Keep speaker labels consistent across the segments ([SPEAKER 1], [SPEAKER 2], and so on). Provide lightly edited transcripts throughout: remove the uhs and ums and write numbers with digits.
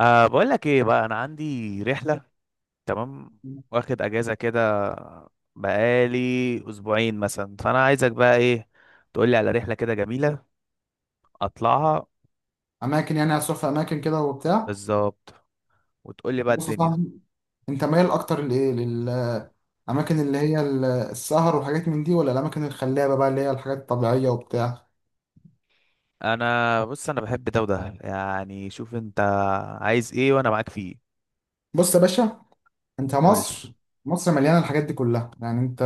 [SPEAKER 1] أه، بقول لك ايه بقى؟ انا عندي رحله، تمام، واخد اجازه كده، بقالي اسبوعين مثلا. فانا عايزك بقى ايه، تقول لي على رحله كده جميله اطلعها.
[SPEAKER 2] اماكن، يعني هتروح في اماكن كده وبتاع.
[SPEAKER 1] بالظبط، وتقول لي بقى
[SPEAKER 2] بص يا
[SPEAKER 1] الدنيا.
[SPEAKER 2] صاحبي، انت مايل اكتر لايه؟ للاماكن اللي هي السهر وحاجات من دي، ولا الاماكن الخلابه بقى اللي هي الحاجات الطبيعيه وبتاع؟
[SPEAKER 1] انا بص، انا بحب ده وده، يعني شوف انت عايز ايه وانا معاك فيه.
[SPEAKER 2] بص يا باشا، انت
[SPEAKER 1] قول لي.
[SPEAKER 2] مصر، مصر مليانه الحاجات دي كلها. يعني انت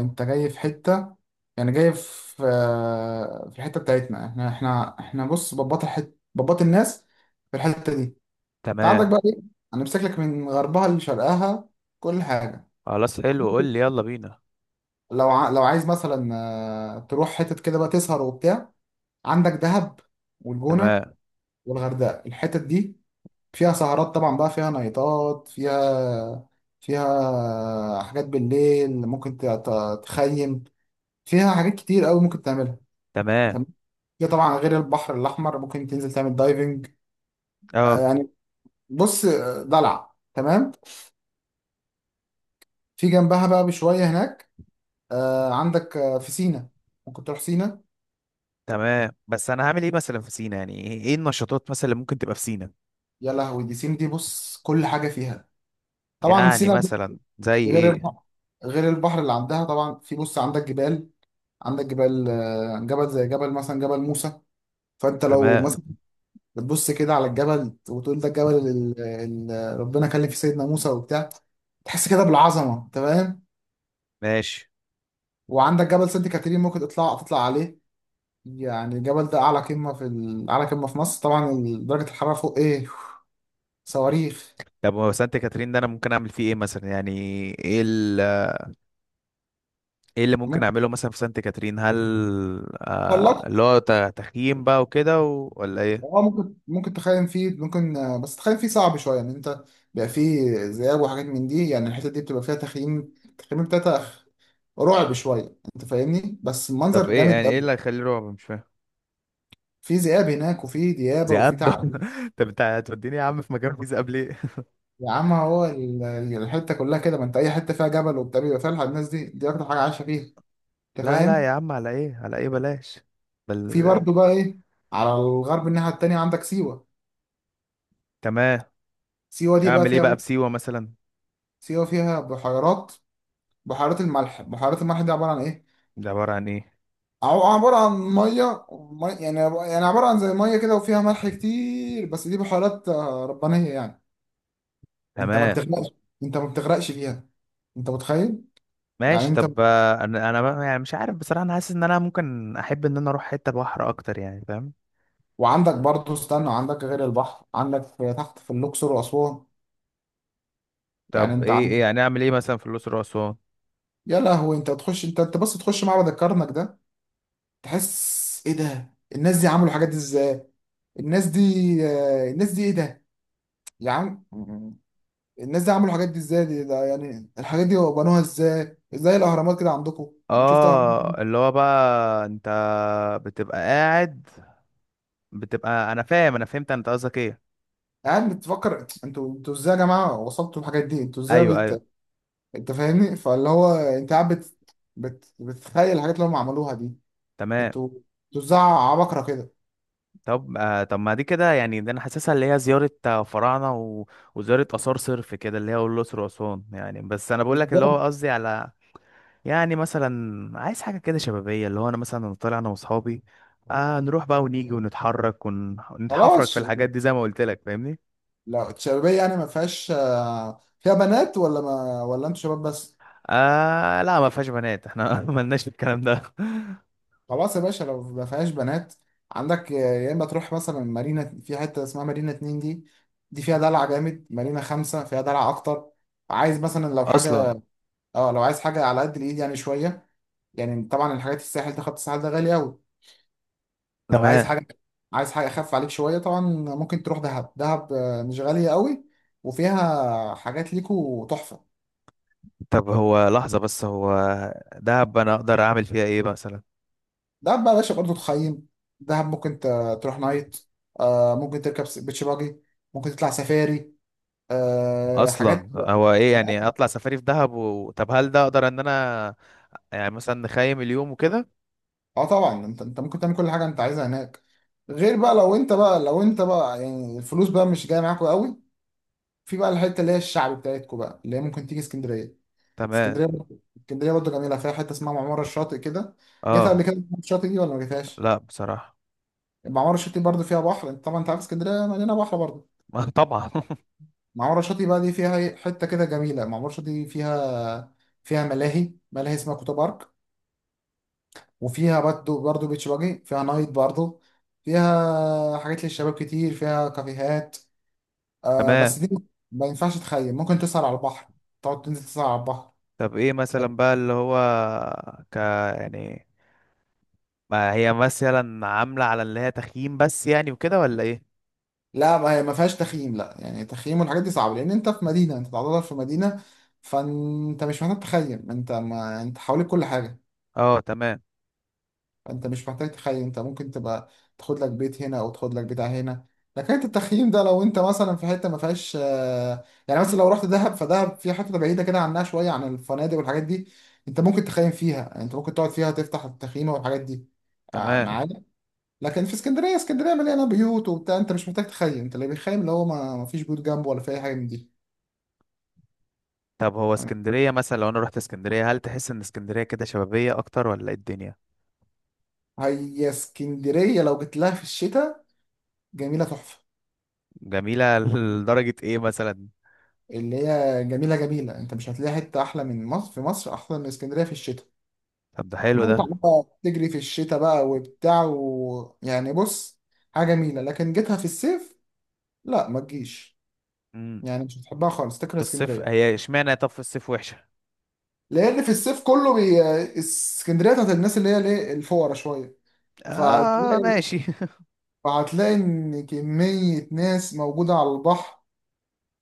[SPEAKER 2] انت جاي في حته، يعني جاي في في الحته بتاعتنا. احنا بص بباط الحت بباط الناس. في الحته دي انت عندك
[SPEAKER 1] تمام.
[SPEAKER 2] بقى ايه؟ انا لك من غربها لشرقها كل حاجه.
[SPEAKER 1] خلاص، حلو، قول لي، يلا بينا.
[SPEAKER 2] لو عايز مثلا تروح حتت كده بقى تسهر وبتاع، عندك دهب والجونة
[SPEAKER 1] تمام.
[SPEAKER 2] والغردقة. الحتت دي فيها سهرات طبعا بقى، فيها نايتات، فيها حاجات بالليل ممكن تخيم، فيها حاجات كتير قوي ممكن تعملها.
[SPEAKER 1] تمام.
[SPEAKER 2] تمام ده طبعا غير البحر الأحمر ممكن تنزل تعمل دايفنج.
[SPEAKER 1] اه.
[SPEAKER 2] يعني بص، دلع تمام. في جنبها بقى بشوية هناك عندك في سينا، ممكن تروح سينا.
[SPEAKER 1] تمام، بس انا هعمل ايه مثلا في سينا؟ يعني ايه إيه النشاطات مثلا اللي ممكن تبقى في سينا؟
[SPEAKER 2] يا لهوي، دي سينا دي، بص كل حاجة فيها. طبعا
[SPEAKER 1] يعني
[SPEAKER 2] سينا دي
[SPEAKER 1] مثلا زي
[SPEAKER 2] غير
[SPEAKER 1] ايه؟
[SPEAKER 2] البحر، غير البحر اللي عندها طبعا. في بص عندك جبال، عندك جبال جبل، زي جبل مثلا جبل موسى. فانت لو
[SPEAKER 1] تمام.
[SPEAKER 2] مثلا بتبص كده على الجبل وتقول ده الجبل اللي ربنا كلم فيه سيدنا موسى وبتاع، تحس كده بالعظمه، انت فاهم.
[SPEAKER 1] ماشي.
[SPEAKER 2] وعندك جبل سانت كاترين ممكن تطلع عليه. يعني الجبل ده اعلى قمه في اعلى قمه في مصر، طبعا درجه الحراره فوق، ايه، صواريخ.
[SPEAKER 1] طب هو سانت كاترين ده انا ممكن اعمل فيه ايه مثلا؟ يعني ايه ال- ايه اللي ممكن
[SPEAKER 2] ممكن
[SPEAKER 1] اعمله مثلا في سانت كاترين؟ هل آه
[SPEAKER 2] تطلق،
[SPEAKER 1] اللي هو تخييم بقى وكده ولا ايه؟
[SPEAKER 2] اه ممكن، تخيم فيه ممكن، بس تخيم فيه صعب شويه. يعني انت بيبقى فيه ذئاب وحاجات من دي، يعني الحته دي بتبقى فيها تخييم، التخييم بتاعتها رعب شويه، انت فاهمني، بس
[SPEAKER 1] طب
[SPEAKER 2] المنظر
[SPEAKER 1] ايه
[SPEAKER 2] جامد
[SPEAKER 1] يعني، ايه
[SPEAKER 2] قوي.
[SPEAKER 1] اللي هيخليه رعب؟ مش فاهم.
[SPEAKER 2] في ذئاب هناك، وفي ديابه، وفي
[SPEAKER 1] ذئاب؟
[SPEAKER 2] تعابين.
[SPEAKER 1] طب انت هتوديني يا عم في مكان فيه ذئاب ليه؟
[SPEAKER 2] يا عم هو الحته كلها كده، ما انت اي حته فيها جبل وبتاع بيبقى فيها الناس دي، دي اكتر حاجه عايشه فيها، انت
[SPEAKER 1] لا لا
[SPEAKER 2] فاهم.
[SPEAKER 1] يا عم، على ايه، على ايه، بلاش.
[SPEAKER 2] في
[SPEAKER 1] بل.
[SPEAKER 2] برضه بقى ايه، على الغرب الناحيه التانيه عندك سيوه.
[SPEAKER 1] تمام.
[SPEAKER 2] سيوه دي بقى
[SPEAKER 1] اعمل ايه
[SPEAKER 2] فيها،
[SPEAKER 1] بقى بسيوة مثلا؟
[SPEAKER 2] سيوه فيها بحيرات، بحيرات الملح. بحيرات الملح دي عباره عن ايه؟
[SPEAKER 1] ده عبارة عن ايه؟
[SPEAKER 2] عبارة عن مية يعني، عبارة عن زي مية كده وفيها ملح كتير، بس دي بحيرات ربانية يعني. انت ما
[SPEAKER 1] تمام.
[SPEAKER 2] بتغرقش، انت ما بتغرقش فيها، انت متخيل. يعني
[SPEAKER 1] ماشي.
[SPEAKER 2] انت،
[SPEAKER 1] طب انا بقى- يعني مش عارف بصراحه، انا حاسس ان انا ممكن احب ان انا اروح حته بحر اكتر، يعني فاهم؟
[SPEAKER 2] وعندك برضه، استنى، عندك غير البحر عندك في تحت، في الاقصر واسوان. يعني
[SPEAKER 1] طب
[SPEAKER 2] انت
[SPEAKER 1] ايه، ايه
[SPEAKER 2] عندك،
[SPEAKER 1] يعني، اعمل ايه مثلا في الاقصر واسوان؟
[SPEAKER 2] يا لهوي، انت تخش، انت بس تخش معبد الكرنك ده، تحس ايه ده، الناس دي عملوا الحاجات دي ازاي؟ الناس دي، الناس دي، ايه ده يا عم، الناس دي عملوا الحاجات دي ازاي؟ دي ده، يعني الحاجات دي بنوها ازاي؟ ازاي الاهرامات كده عندكم؟ شفت الاهرامات
[SPEAKER 1] اه
[SPEAKER 2] دي؟
[SPEAKER 1] اللي هو بقى انت بتبقى قاعد، بتبقى- انا فاهم، انا فهمت انت قصدك ايه.
[SPEAKER 2] قاعد بتفكر انتوا، ازاي يا جماعه وصلتوا الحاجات دي؟ انتوا ازاي
[SPEAKER 1] ايوه ايوه.
[SPEAKER 2] انت فاهمني. فاللي هو انت قاعد بتخيل الحاجات اللي هم عملوها دي.
[SPEAKER 1] تمام.
[SPEAKER 2] انتوا، ازاي عبقرة كده؟
[SPEAKER 1] طب آه، طب ما دي كده يعني، ده انا حاسسها اللي هي زياره فراعنه وزياره اثار صرف كده، اللي هي الاقصر واسوان يعني. بس انا بقول لك اللي هو
[SPEAKER 2] بالظبط،
[SPEAKER 1] قصدي على، يعني مثلا عايز حاجة كده شبابية، اللي هو أنا مثلا طالع أنا وأصحابي، آه، نروح بقى ونيجي ونتحرك ونتحفرك
[SPEAKER 2] خلاص.
[SPEAKER 1] في الحاجات دي، زي ما قلت لك فاهمني.
[SPEAKER 2] لا الشبابيه يعني ما فيهاش فيها بنات، ولا ما، ولا انتوا شباب بس؟
[SPEAKER 1] آه لا، ما فيهاش بنات احنا، ملناش في الكلام ده.
[SPEAKER 2] خلاص يا باشا، لو ما فيهاش بنات، عندك يا اما تروح مثلا مارينا، في حته اسمها مارينا اتنين، دي دي فيها دلع جامد. مارينا خمسة فيها دلع اكتر. عايز مثلا لو
[SPEAKER 1] أصلا.
[SPEAKER 2] حاجه، اه لو عايز حاجه على قد الايد يعني شويه. يعني طبعا الحاجات الساحل ده، خط الساحل ده غالي قوي. لو عايز
[SPEAKER 1] تمام.
[SPEAKER 2] حاجه، عايز حاجه اخف عليك شويه، طبعا ممكن تروح دهب. دهب مش غاليه قوي، وفيها حاجات ليكو تحفه.
[SPEAKER 1] طب هو لحظة بس، هو دهب أنا أقدر أعمل فيها إيه مثلا؟
[SPEAKER 2] دهب بقى يا باشا برضه تخيم، دهب ممكن تروح نايت، ممكن تركب بيتش باجي، ممكن تطلع سفاري، أه
[SPEAKER 1] أصلا
[SPEAKER 2] حاجات.
[SPEAKER 1] هو إيه يعني أطلع سفاري في دهب طب هل ده أقدر إن أنا يعني مثلا نخيم اليوم وكده؟
[SPEAKER 2] اه طبعا، انت ممكن تعمل كل حاجه انت عايزها هناك. غير بقى، لو انت بقى، لو انت بقى يعني الفلوس بقى مش جايه معاكوا قوي، في بقى الحته اللي هي الشعب بتاعتكوا بقى، اللي هي ممكن تيجي اسكندريه.
[SPEAKER 1] تمام.
[SPEAKER 2] اسكندريه برضه، اسكندريه برضه جميله، فيها حته اسمها معمار الشاطئ كده. جيتها
[SPEAKER 1] اه.
[SPEAKER 2] قبل كده الشاطئ دي ولا ما جيتهاش؟
[SPEAKER 1] لا بصراحة.
[SPEAKER 2] معمار الشاطئ برضه فيها بحر، طبعا انت عارف اسكندريه مليانه بحر برضه.
[SPEAKER 1] طبعا.
[SPEAKER 2] معمار الشاطئ بقى دي فيها ايه؟ حته كده جميله. معمار الشاطئ دي فيها، فيها ملاهي، ملاهي اسمها كوتا بارك، وفيها برضو، بيتش باجي، فيها نايت برضو، فيها حاجات للشباب كتير، فيها كافيهات. آه
[SPEAKER 1] تمام.
[SPEAKER 2] بس دي ما ينفعش تخيم، ممكن تسهر على البحر، تقعد تنزل تسهر على البحر.
[SPEAKER 1] طب ايه مثلا بقى اللي هو، ك، يعني ما هي مثلا عاملة على اللي هي تخييم بس يعني وكده ولا ايه؟
[SPEAKER 2] لا ما هي ما فيهاش تخييم، لا، يعني التخييم والحاجات دي صعبة، لأن أنت في مدينة، أنت تعتبر في مدينة. فأنت مش محتاج تخيم، أنت ما أنت حواليك كل حاجة.
[SPEAKER 1] اه تمام.
[SPEAKER 2] انت مش محتاج تخيم، انت ممكن تبقى تاخد لك بيت هنا، او تاخد لك بتاع هنا. لكن التخييم ده لو انت مثلا في حته ما فيهاش يعني مثلا لو رحت دهب، فدهب في حته بعيده كده عنها شويه عن الفنادق والحاجات دي، انت ممكن تخيم فيها، يعني انت ممكن تقعد فيها تفتح التخييم والحاجات دي
[SPEAKER 1] تمام.
[SPEAKER 2] معانا. لكن في اسكندريه، اسكندريه مليانه بيوت وبتاع، انت مش محتاج تخيم، انت اللي بيخيم اللي هو ما فيش بيوت جنبه، ولا في اي حاجه من دي.
[SPEAKER 1] طب هو
[SPEAKER 2] آه،
[SPEAKER 1] اسكندرية مثلا لو انا رحت اسكندرية، هل تحس ان اسكندرية كده شبابية اكتر ولا ايه الدنيا؟
[SPEAKER 2] هي اسكندريه لو جيت لها في الشتاء، جميله تحفه.
[SPEAKER 1] جميلة؟ لدرجة ايه مثلا؟
[SPEAKER 2] اللي هي جميلة، انت مش هتلاقي حتة احلى من مصر، في مصر احلى من اسكندرية في الشتاء.
[SPEAKER 1] طب ده حلو
[SPEAKER 2] متعة
[SPEAKER 1] ده.
[SPEAKER 2] بقى تجري في الشتاء بقى وبتاع و... يعني بص، حاجة جميلة. لكن جيتها في الصيف، لا ما تجيش.
[SPEAKER 1] امم
[SPEAKER 2] يعني مش هتحبها خالص، تكره
[SPEAKER 1] في الصيف؟
[SPEAKER 2] اسكندرية.
[SPEAKER 1] هي اشمعنى طب في الصيف وحشة؟
[SPEAKER 2] لان في الصيف اسكندرية بتاعت الناس اللي هي الايه الفقرا شوية.
[SPEAKER 1] اه
[SPEAKER 2] فهتلاقي،
[SPEAKER 1] ماشي.
[SPEAKER 2] ان كمية ناس موجودة على البحر،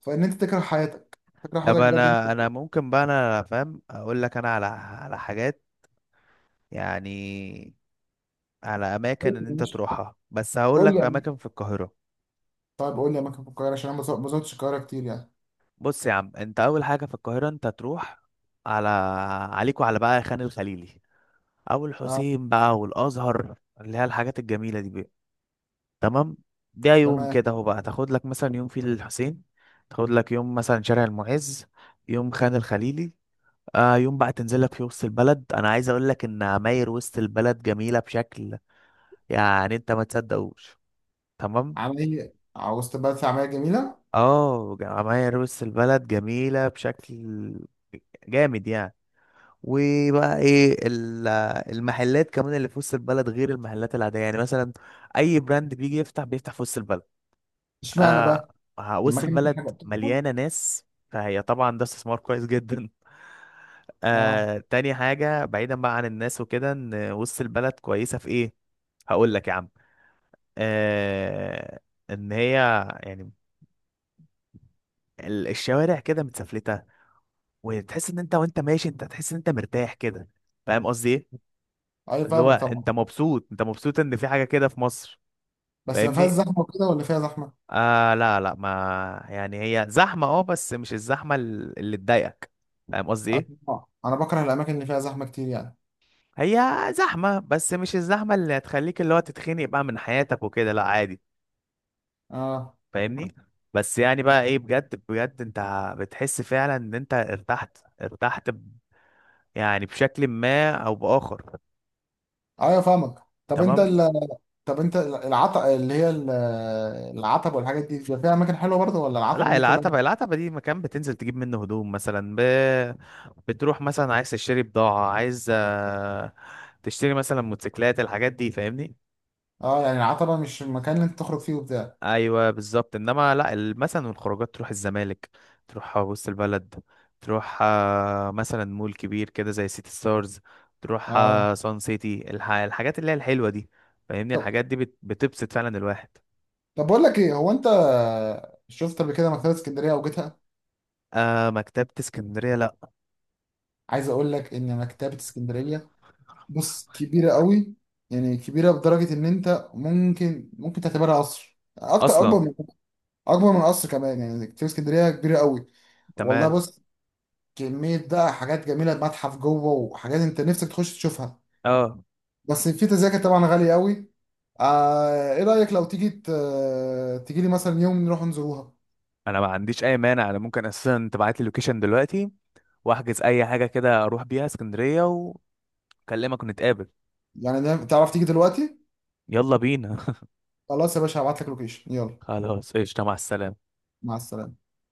[SPEAKER 2] فان انت تكره حياتك، تكره
[SPEAKER 1] طب
[SPEAKER 2] حياتك بجد
[SPEAKER 1] انا،
[SPEAKER 2] انت.
[SPEAKER 1] انا ممكن بقى انا فاهم اقول لك انا على، على حاجات يعني، على اماكن ان انت تروحها. بس هقول
[SPEAKER 2] قول
[SPEAKER 1] لك
[SPEAKER 2] لي
[SPEAKER 1] في
[SPEAKER 2] يعني.
[SPEAKER 1] اماكن في القاهره.
[SPEAKER 2] طيب قول لي اماكن في القاهره، عشان انا ما ما زرتش القاهره كتير يعني.
[SPEAKER 1] بص يا عم، انت اول حاجه في القاهره انت تروح على، عليك وعلى بقى خان الخليلي، او
[SPEAKER 2] اه
[SPEAKER 1] الحسين بقى والازهر، اللي هي الحاجات الجميله دي بقى. تمام. ده يوم
[SPEAKER 2] تمام.
[SPEAKER 1] كده اهو بقى، تاخد لك مثلا يوم في الحسين، تاخد لك يوم مثلا شارع المعز، يوم خان الخليلي. آه، يوم بقى تنزل لك في وسط البلد. انا عايز اقول لك ان عماير وسط البلد جميله بشكل يعني انت ما تصدقوش. تمام.
[SPEAKER 2] عمليه، عاوز تبقى في عمليه جميله.
[SPEAKER 1] اه، جمعية روس البلد جميلة بشكل جامد يعني. وبقى المحلات كمان اللي في وسط البلد غير المحلات العادية، يعني مثلا اي براند بيجي يفتح، بيفتح في وسط البلد.
[SPEAKER 2] اشمعنى
[SPEAKER 1] آه.
[SPEAKER 2] بقى؟ لما
[SPEAKER 1] وسط
[SPEAKER 2] كان في
[SPEAKER 1] البلد
[SPEAKER 2] حاجه بتحصل.
[SPEAKER 1] مليانة ناس، فهي طبعا ده استثمار كويس جدا.
[SPEAKER 2] اه،
[SPEAKER 1] آه، تاني حاجة بعيدا بقى عن الناس وكده، ان وسط البلد كويسة في ايه، هقول لك يا عم. آه، ان هي يعني الشوارع كده متسفلتة، وتحس ان انت وانت ماشي انت تحس ان انت مرتاح كده، فاهم قصدي ايه؟
[SPEAKER 2] اي
[SPEAKER 1] اللي هو
[SPEAKER 2] فاهمك طبعا.
[SPEAKER 1] انت مبسوط، انت مبسوط ان في حاجه كده في مصر.
[SPEAKER 2] بس ما فيهاش
[SPEAKER 1] فاهمني؟
[SPEAKER 2] زحمه وكده ولا فيها زحمه؟
[SPEAKER 1] آه لا لا، ما يعني هي زحمه اه، بس مش اللي تضايقك، فاهم قصدي
[SPEAKER 2] آه،
[SPEAKER 1] ايه؟
[SPEAKER 2] طبعاً. انا بكره الاماكن اللي فيها زحمه كتير يعني.
[SPEAKER 1] هي زحمه، بس مش الزحمه اللي هتخليك اللي هو تتخنق بقى من حياتك وكده، لا عادي.
[SPEAKER 2] اه
[SPEAKER 1] فاهمني؟ بس يعني بقى ايه، بجد بجد انت بتحس فعلا ان انت ارتحت، يعني بشكل ما او باخر.
[SPEAKER 2] ايوه فاهمك. طب انت
[SPEAKER 1] تمام.
[SPEAKER 2] طب انت العتب اللي هي العتبه والحاجات دي بيبقى فيها اماكن حلوه برضه، ولا العتبه
[SPEAKER 1] لا،
[SPEAKER 2] دي كلها،
[SPEAKER 1] العتبة، العتبة دي مكان بتنزل تجيب منه هدوم مثلا، بتروح مثلا عايز تشتري بضاعة، عايز تشتري مثلا موتوسيكلات، الحاجات دي، فاهمني؟
[SPEAKER 2] اه، يعني العتبه مش المكان اللي انت تخرج فيه وبتاع؟
[SPEAKER 1] ايوه بالظبط. انما لا، مثلا الخروجات تروح الزمالك، تروح وسط البلد، تروح مثلا مول كبير كده زي سيتي ستارز، تروح
[SPEAKER 2] اه
[SPEAKER 1] سان سيتي، الحاجات اللي هي الحلوة دي، فاهمني؟
[SPEAKER 2] طب،
[SPEAKER 1] الحاجات دي بتبسط فعلا الواحد.
[SPEAKER 2] بقول لك ايه، هو انت شفت قبل كده مكتبه اسكندريه او جيتها؟
[SPEAKER 1] آه، مكتبة اسكندرية، لا.
[SPEAKER 2] عايز اقول لك ان مكتبة اسكندرية، بص كبيرة قوي، يعني كبيرة بدرجة ان انت ممكن، تعتبرها قصر، اكتر، اكبر
[SPEAKER 1] اصلا.
[SPEAKER 2] من، اكبر من قصر كمان. يعني مكتبة اسكندرية كبيرة قوي، والله.
[SPEAKER 1] تمام.
[SPEAKER 2] بص كمية بقى حاجات جميلة، متحف جوه وحاجات انت نفسك تخش تشوفها،
[SPEAKER 1] اه
[SPEAKER 2] بس في تذاكر طبعا غالية قوي. آه، ايه رأيك لو تيجي، تيجي لي مثلا يوم نروح نزوروها؟
[SPEAKER 1] انا ما عنديش اي مانع، انا ممكن اساسا تبعت لي اللوكيشن دلوقتي واحجز اي حاجه كده اروح بيها اسكندريه واكلمك ونتقابل.
[SPEAKER 2] يعني نعم، تعرف تيجي دلوقتي؟
[SPEAKER 1] يلا بينا.
[SPEAKER 2] خلاص يا باشا، هبعت لك لوكيشن، يلا.
[SPEAKER 1] خلاص قشطه، مع السلامه.
[SPEAKER 2] مع السلامة.